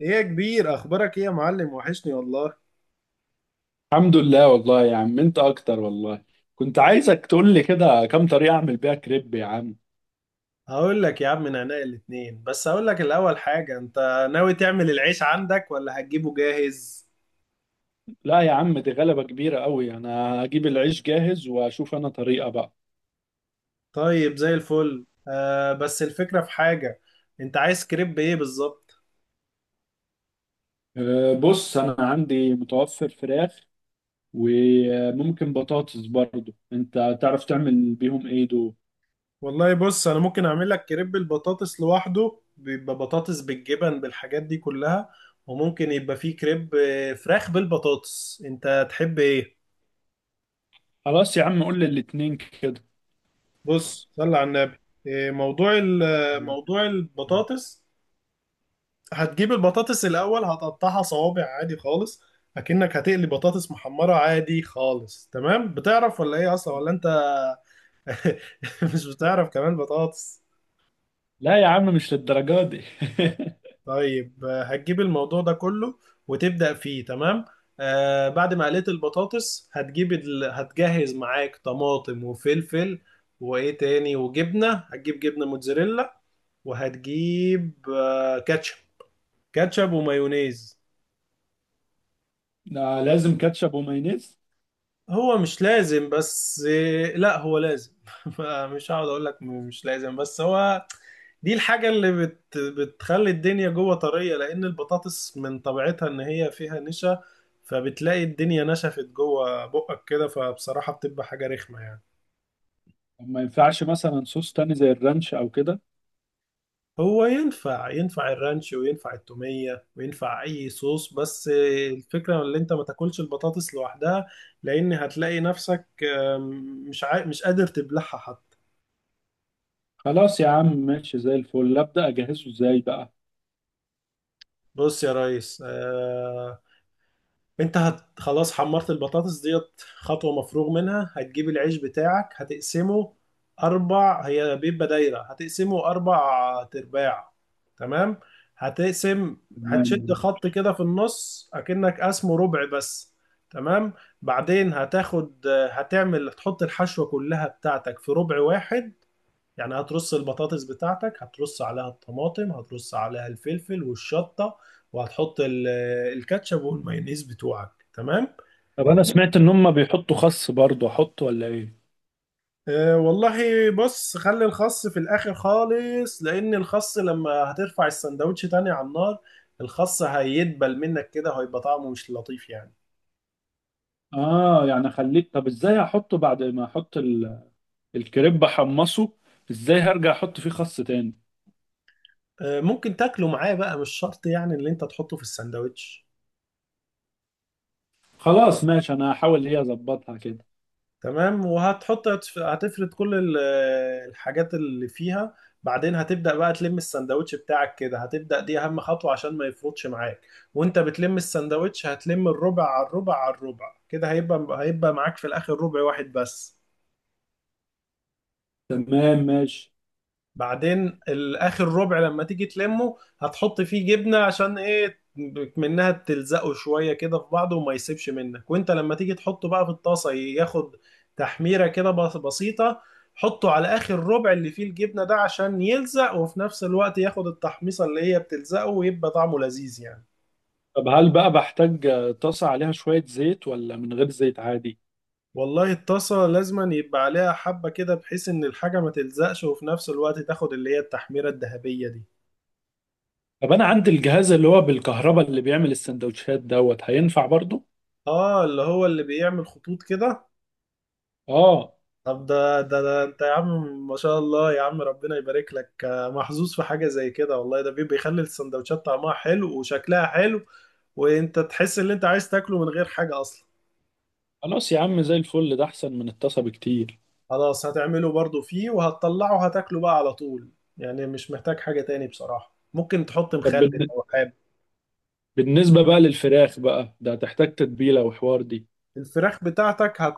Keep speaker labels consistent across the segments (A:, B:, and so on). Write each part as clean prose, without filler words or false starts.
A: ايه يا كبير، اخبارك ايه يا معلم؟ وحشني والله.
B: الحمد لله والله يا عم، انت اكتر والله. كنت عايزك تقول لي كده كام طريقة اعمل بيها كريب يا عم.
A: هقول لك يا عم من عناء الاتنين، بس هقول لك الاول حاجة، انت ناوي تعمل العيش عندك ولا هتجيبه جاهز؟
B: لا يا عم، دي غلبة كبيرة قوي. انا هجيب العيش جاهز واشوف انا طريقة بقى.
A: طيب، زي الفل. بس الفكرة في حاجة، انت عايز كريب ايه بالظبط؟
B: بص انا عندي متوفر فراخ، وممكن بطاطس برضو، انت تعرف تعمل بيهم ايه دول؟
A: والله بص، انا ممكن اعمل لك كريب البطاطس لوحده، بيبقى بطاطس بالجبن بالحاجات دي كلها. وممكن يبقى فيه كريب فراخ بالبطاطس. انت تحب ايه؟
B: خلاص يا عم، قول لي الاتنين كده.
A: بص، صلي على النبي. إيه، موضوع ال- آه، موضوع البطاطس. هتجيب البطاطس الأول، هتقطعها صوابع عادي خالص. أكنك هتقلي بطاطس محمرة عادي خالص. تمام؟ بتعرف ولا إيه أصلا ولا أنت؟ مش بتعرف كمان بطاطس؟
B: لا يا عم، مش للدرجة دي.
A: طيب. هتجيب الموضوع ده كله وتبدأ فيه. تمام. بعد ما قليت البطاطس هتجهز معاك طماطم وفلفل. وإيه تاني؟ وجبنة، هتجيب جبنة موتزاريلا. وهتجيب كاتشب. كاتشب ومايونيز.
B: ده لازم كاتشب ومايونيز؟
A: هو مش لازم بس، لا هو لازم. مش هقعد اقول لك مش لازم، بس هو دي الحاجة اللي بتخلي الدنيا جوه طرية، لان البطاطس من طبيعتها ان هي فيها نشا. فبتلاقي الدنيا نشفت جوه بقك كده، فبصراحة بتبقى حاجة رخمة يعني.
B: ما ينفعش مثلا صوص تاني زي الرانش او كده؟
A: هو ينفع الرانش، وينفع التومية، وينفع اي صوص. بس الفكرة ان انت ما تاكلش البطاطس لوحدها، لان هتلاقي نفسك مش قادر تبلعها حتى.
B: خلاص يا عم، ماشي زي الفل. ابدا اجهزه ازاي بقى؟
A: بص يا ريس، انت هت خلاص، حمرت البطاطس ديت، خطوة مفروغ منها. هتجيب العيش بتاعك هتقسمه اربع. هي بيبقى دايرة، هتقسمه اربع ترباع. تمام. هتقسم.
B: تمام
A: هتشد
B: ماشي.
A: خط كده في النص، اكنك قسمه ربع بس. تمام. بعدين هتاخد هتعمل هتحط الحشوة كلها بتاعتك في ربع واحد. يعني هترص البطاطس بتاعتك، هترص عليها الطماطم، هترص عليها الفلفل والشطة. وهتحط الكاتشب والمايونيز بتوعك. تمام.
B: طب انا سمعت ان هم بيحطوا خس برضه، احط ولا ايه؟
A: أه والله. بص، خلي الخس في الاخر خالص، لان الخس لما هترفع السندوتش تاني على النار، الخس هيدبل منك كده، هيبقى طعمه مش لطيف يعني.
B: اه يعني خليك. طب ازاي احطه بعد ما احط الكريب احمصه؟ ازاي هرجع احط فيه خس تاني؟
A: أه، ممكن تاكله معاه بقى، مش شرط يعني اللي انت تحطه في السندوتش.
B: خلاص ماشي، انا هحاول هي اظبطها كده.
A: تمام. هتفرد الحاجات اللي فيها. بعدين هتبدأ بقى تلم السندوتش بتاعك كده. هتبدأ، دي أهم خطوة عشان ما يفرطش معاك. وانت بتلم السندوتش هتلم الربع على الربع على الربع كده، هيبقى معاك في الآخر ربع واحد بس.
B: تمام ماشي.
A: بعدين الاخر ربع لما تيجي تلمه، هتحط فيه جبنه، عشان ايه؟ منها تلزقه شويه كده في بعضه وما يسيبش منك. وانت لما تيجي تحطه بقى في الطاسه، ياخد تحميره كده بسيطه. حطه على اخر ربع اللي فيه الجبنه ده، عشان يلزق، وفي نفس الوقت ياخد التحميصه اللي هي بتلزقه، ويبقى طعمه لذيذ يعني.
B: طب هل بقى بحتاج طاسة عليها شوية زيت ولا من غير زيت عادي؟
A: والله الطاسة لازما يبقى عليها حبة كده، بحيث إن الحاجة ما تلزقش، وفي نفس الوقت تاخد اللي هي التحميرة الذهبية دي.
B: طب انا عندي الجهاز اللي هو بالكهرباء اللي بيعمل السندوتشات دوت، هينفع برضه؟
A: آه، اللي هو اللي بيعمل خطوط كده.
B: اه.
A: طب ده انت يا عم، ما شاء الله يا عم، ربنا يبارك لك. محظوظ في حاجة زي كده والله. ده بيخلي السندوتشات طعمها حلو وشكلها حلو. وانت تحس ان انت عايز تاكله من غير حاجة اصلا.
B: خلاص يا عم، زي الفل. ده احسن من الطاسه بكتير.
A: خلاص، هتعمله برضو فيه وهتطلعه، هتاكله بقى على طول. يعني مش محتاج حاجة تاني بصراحة. ممكن تحط
B: طب
A: مخلل لو حابب.
B: بالنسبه بقى للفراخ بقى، ده هتحتاج تتبيله وحوار دي؟
A: الفراخ بتاعتك هت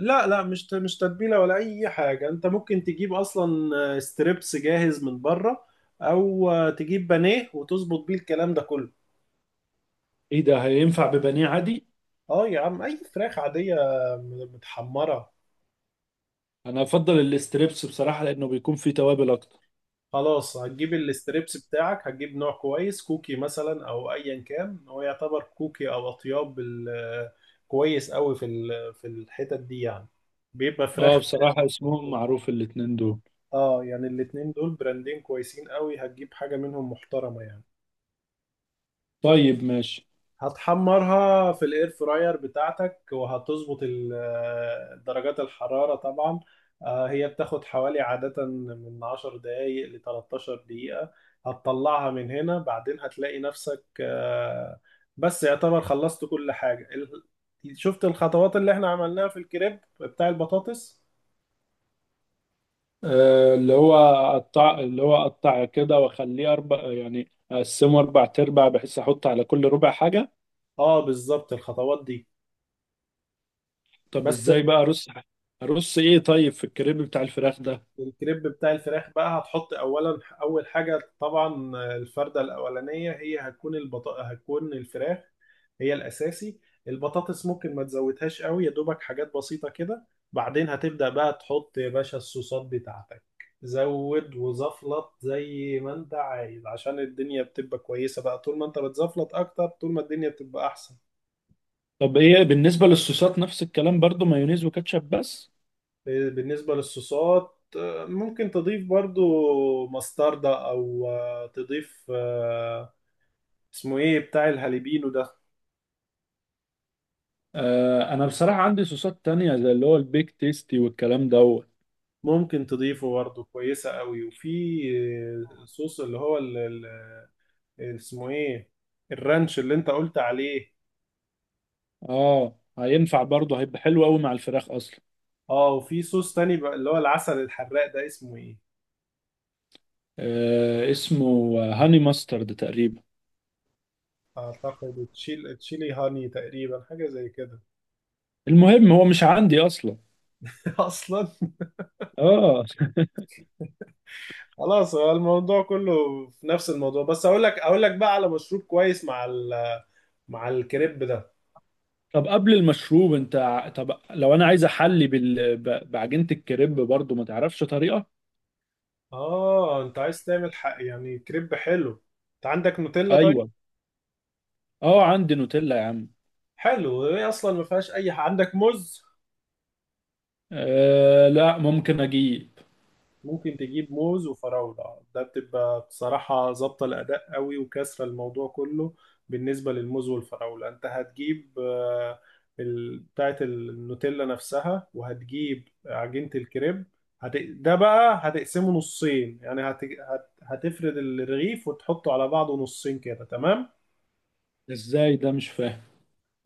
A: لا لا، مش تتبيلة ولا اي حاجة. انت ممكن تجيب اصلا ستريبس جاهز من بره. او تجيب بانيه وتظبط بيه الكلام ده كله.
B: ايه ده، هينفع ببانيه عادي؟
A: اه يا عم، اي فراخ عادية متحمرة.
B: انا افضل الاستريبس بصراحه لانه بيكون فيه توابل اكتر.
A: خلاص، هتجيب الستريبس بتاعك، هتجيب نوع كويس، كوكي مثلا او ايا كان. هو يعتبر كوكي او اطياب كويس قوي في الحتت دي يعني. بيبقى
B: اه
A: فراخ.
B: بصراحه، اسمهم معروف الاتنين دول.
A: اه، يعني الاتنين دول براندين كويسين قوي، هتجيب حاجة منهم محترمة يعني.
B: طيب ماشي.
A: هتحمرها في الاير فراير بتاعتك، وهتظبط درجات الحرارة طبعا. هي بتاخد حوالي عادة من 10 دقايق ل 13 دقيقة. هتطلعها من هنا. بعدين هتلاقي نفسك بس يعتبر خلصت كل حاجة. شفت الخطوات اللي احنا عملناها في الكريب بتاع البطاطس؟
B: آه اللي هو اقطع كده واخليه اربع، يعني اقسمه اربع ارباع بحيث احط على كل ربع حاجه.
A: اه، بالظبط الخطوات دي
B: طب
A: بس.
B: ازاي بقى ارص؟ ارص ايه؟ طيب في الكريب بتاع الفراخ ده.
A: الكريب بتاع الفراخ بقى، هتحط اولا، اول حاجه طبعا الفرده الاولانيه، هي هتكون هتكون الفراخ. هي الاساسي. البطاطس ممكن ما تزودهاش قوي، يا دوبك حاجات بسيطه كده. بعدين هتبدا بقى تحط يا باشا الصوصات بتاعتك. زود وزفلط زي ما انت عايز، عشان الدنيا بتبقى كويسه بقى. طول ما انت بتزفلط اكتر، طول ما الدنيا بتبقى احسن.
B: طب ايه بالنسبة للصوصات؟ نفس الكلام برضو، مايونيز وكاتشب بس؟
A: بالنسبه للصوصات، ممكن تضيف برضو مستردة، او تضيف، اسمه ايه بتاع الهاليبينو ده؟
B: آه انا بصراحة عندي صوصات تانية زي اللي هو البيك تيستي والكلام دوت.
A: ممكن تضيفه برضه، كويسة قوي. وفي صوص اللي هو اسمه ايه؟ الرانش اللي انت قلت عليه.
B: اه هينفع برضو، هيبقى حلو قوي مع الفراخ اصلا.
A: اه، وفي صوص تاني بقى اللي هو العسل الحراق ده اسمه ايه؟
B: آه اسمه هاني ماسترد تقريبا.
A: اعتقد تشيلي هاني تقريبا، حاجة زي كده.
B: المهم هو مش عندي اصلا.
A: اصلا.
B: اه.
A: خلاص، هو الموضوع كله في نفس الموضوع. بس اقول لك بقى على مشروب كويس مع مع الكريب ده.
B: طب قبل المشروب طب لو انا عايز احلي بعجينة الكريب برضو، ما تعرفش طريقة؟
A: اه، انت عايز تعمل حق يعني كريب حلو. انت عندك نوتيلا؟ طيب.
B: ايوه. اه عندي نوتيلا يا عم.
A: حلو. هي اصلا ما فيهاش اي حاجة. عندك موز؟
B: آه، لا ممكن اجيب.
A: ممكن تجيب موز وفراولة، ده بتبقى بصراحة ظابطة الأداء قوي، وكسرة الموضوع كله. بالنسبة للموز والفراولة، انت هتجيب بتاعة النوتيلا نفسها، وهتجيب عجينة الكريب. ده بقى هتقسمه نصين يعني هتفرد الرغيف وتحطه على بعضه نصين كده. تمام.
B: ازاي ده؟ مش فاهم.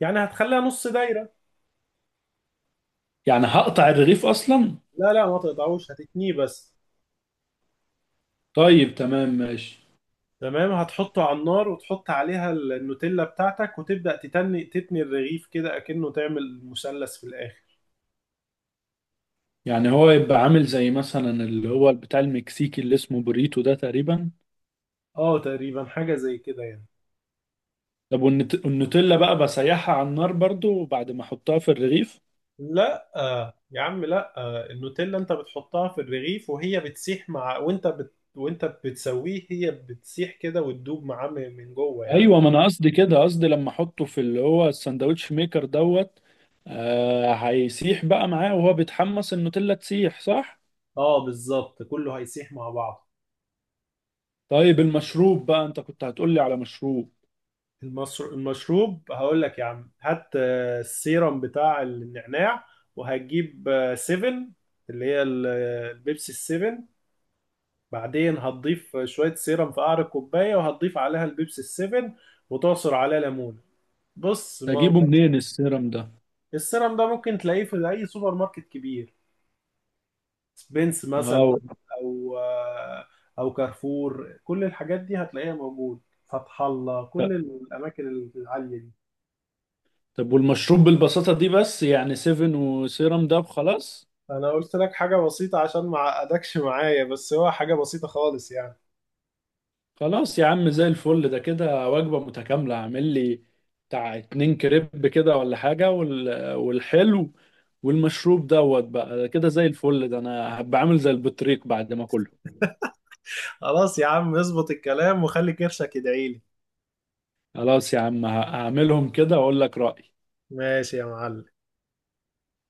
A: يعني هتخليها نص دايرة.
B: يعني هقطع الرغيف اصلا؟
A: لا لا، ما تقطعوش، هتتنيه بس.
B: طيب تمام ماشي.
A: تمام، هتحطه على النار، وتحط عليها النوتيلا بتاعتك، وتبدأ تتني تتني الرغيف كده، أكنه تعمل مثلث في الآخر.
B: يعني هو يبقى عامل زي مثلا اللي هو بتاع المكسيكي اللي اسمه بوريتو ده تقريبا؟
A: اه، تقريبا حاجة زي كده يعني.
B: طب والنوتيلا بقى، بسيحها على النار برضو بعد ما احطها في الرغيف؟
A: لا، يا عم، لا، النوتيلا انت بتحطها في الرغيف وهي بتسيح مع وانت بتسويه، هي بتسيح كده وتدوب معاه من جوه يعني.
B: ايوه، ما انا قصدي كده، قصدي لما احطه في اللي هو الساندوتش ميكر دوت. آه هيسيح بقى معاه وهو بيتحمس، النوتيلا تسيح صح؟
A: اه، بالظبط كله هيسيح مع بعض.
B: طيب المشروب بقى، انت كنت هتقولي على مشروب.
A: المشروب هقول لك يا عم، هات السيرم بتاع النعناع. وهتجيب سيفن، اللي هي البيبسي السيفن. بعدين هتضيف شوية سيرم في قعر الكوباية، وهتضيف عليها البيبسي السيفن، وتعصر عليها ليمون. بص. ما...
B: تجيبه منين السيرم ده؟
A: السيرم ده ممكن تلاقيه في أي سوبر ماركت كبير، سبينس مثلا.
B: اه.
A: أو آه، أو كارفور، كل الحاجات دي هتلاقيها موجود. فتح الله، كل الأماكن العالية دي.
B: طب والمشروب بالبساطة دي بس؟ يعني سيفن وسيرم ده خلاص؟
A: انا قلت لك حاجة بسيطة عشان ما اعقدكش معايا. بس هو حاجة بسيطة خالص يعني.
B: خلاص يا عم، زي الفل. ده كده وجبة متكاملة. اعمل لي بتاع اتنين كريب كده ولا حاجة والحلو والمشروب دوت بقى. ده كده زي الفل. ده انا هبقى عامل زي البطريق بعد ما كله.
A: خلاص يا عم، اظبط الكلام وخلي كرشك يدعيلي.
B: خلاص يا عم، هعملهم كده واقول لك رأيي.
A: ماشي يا معلم.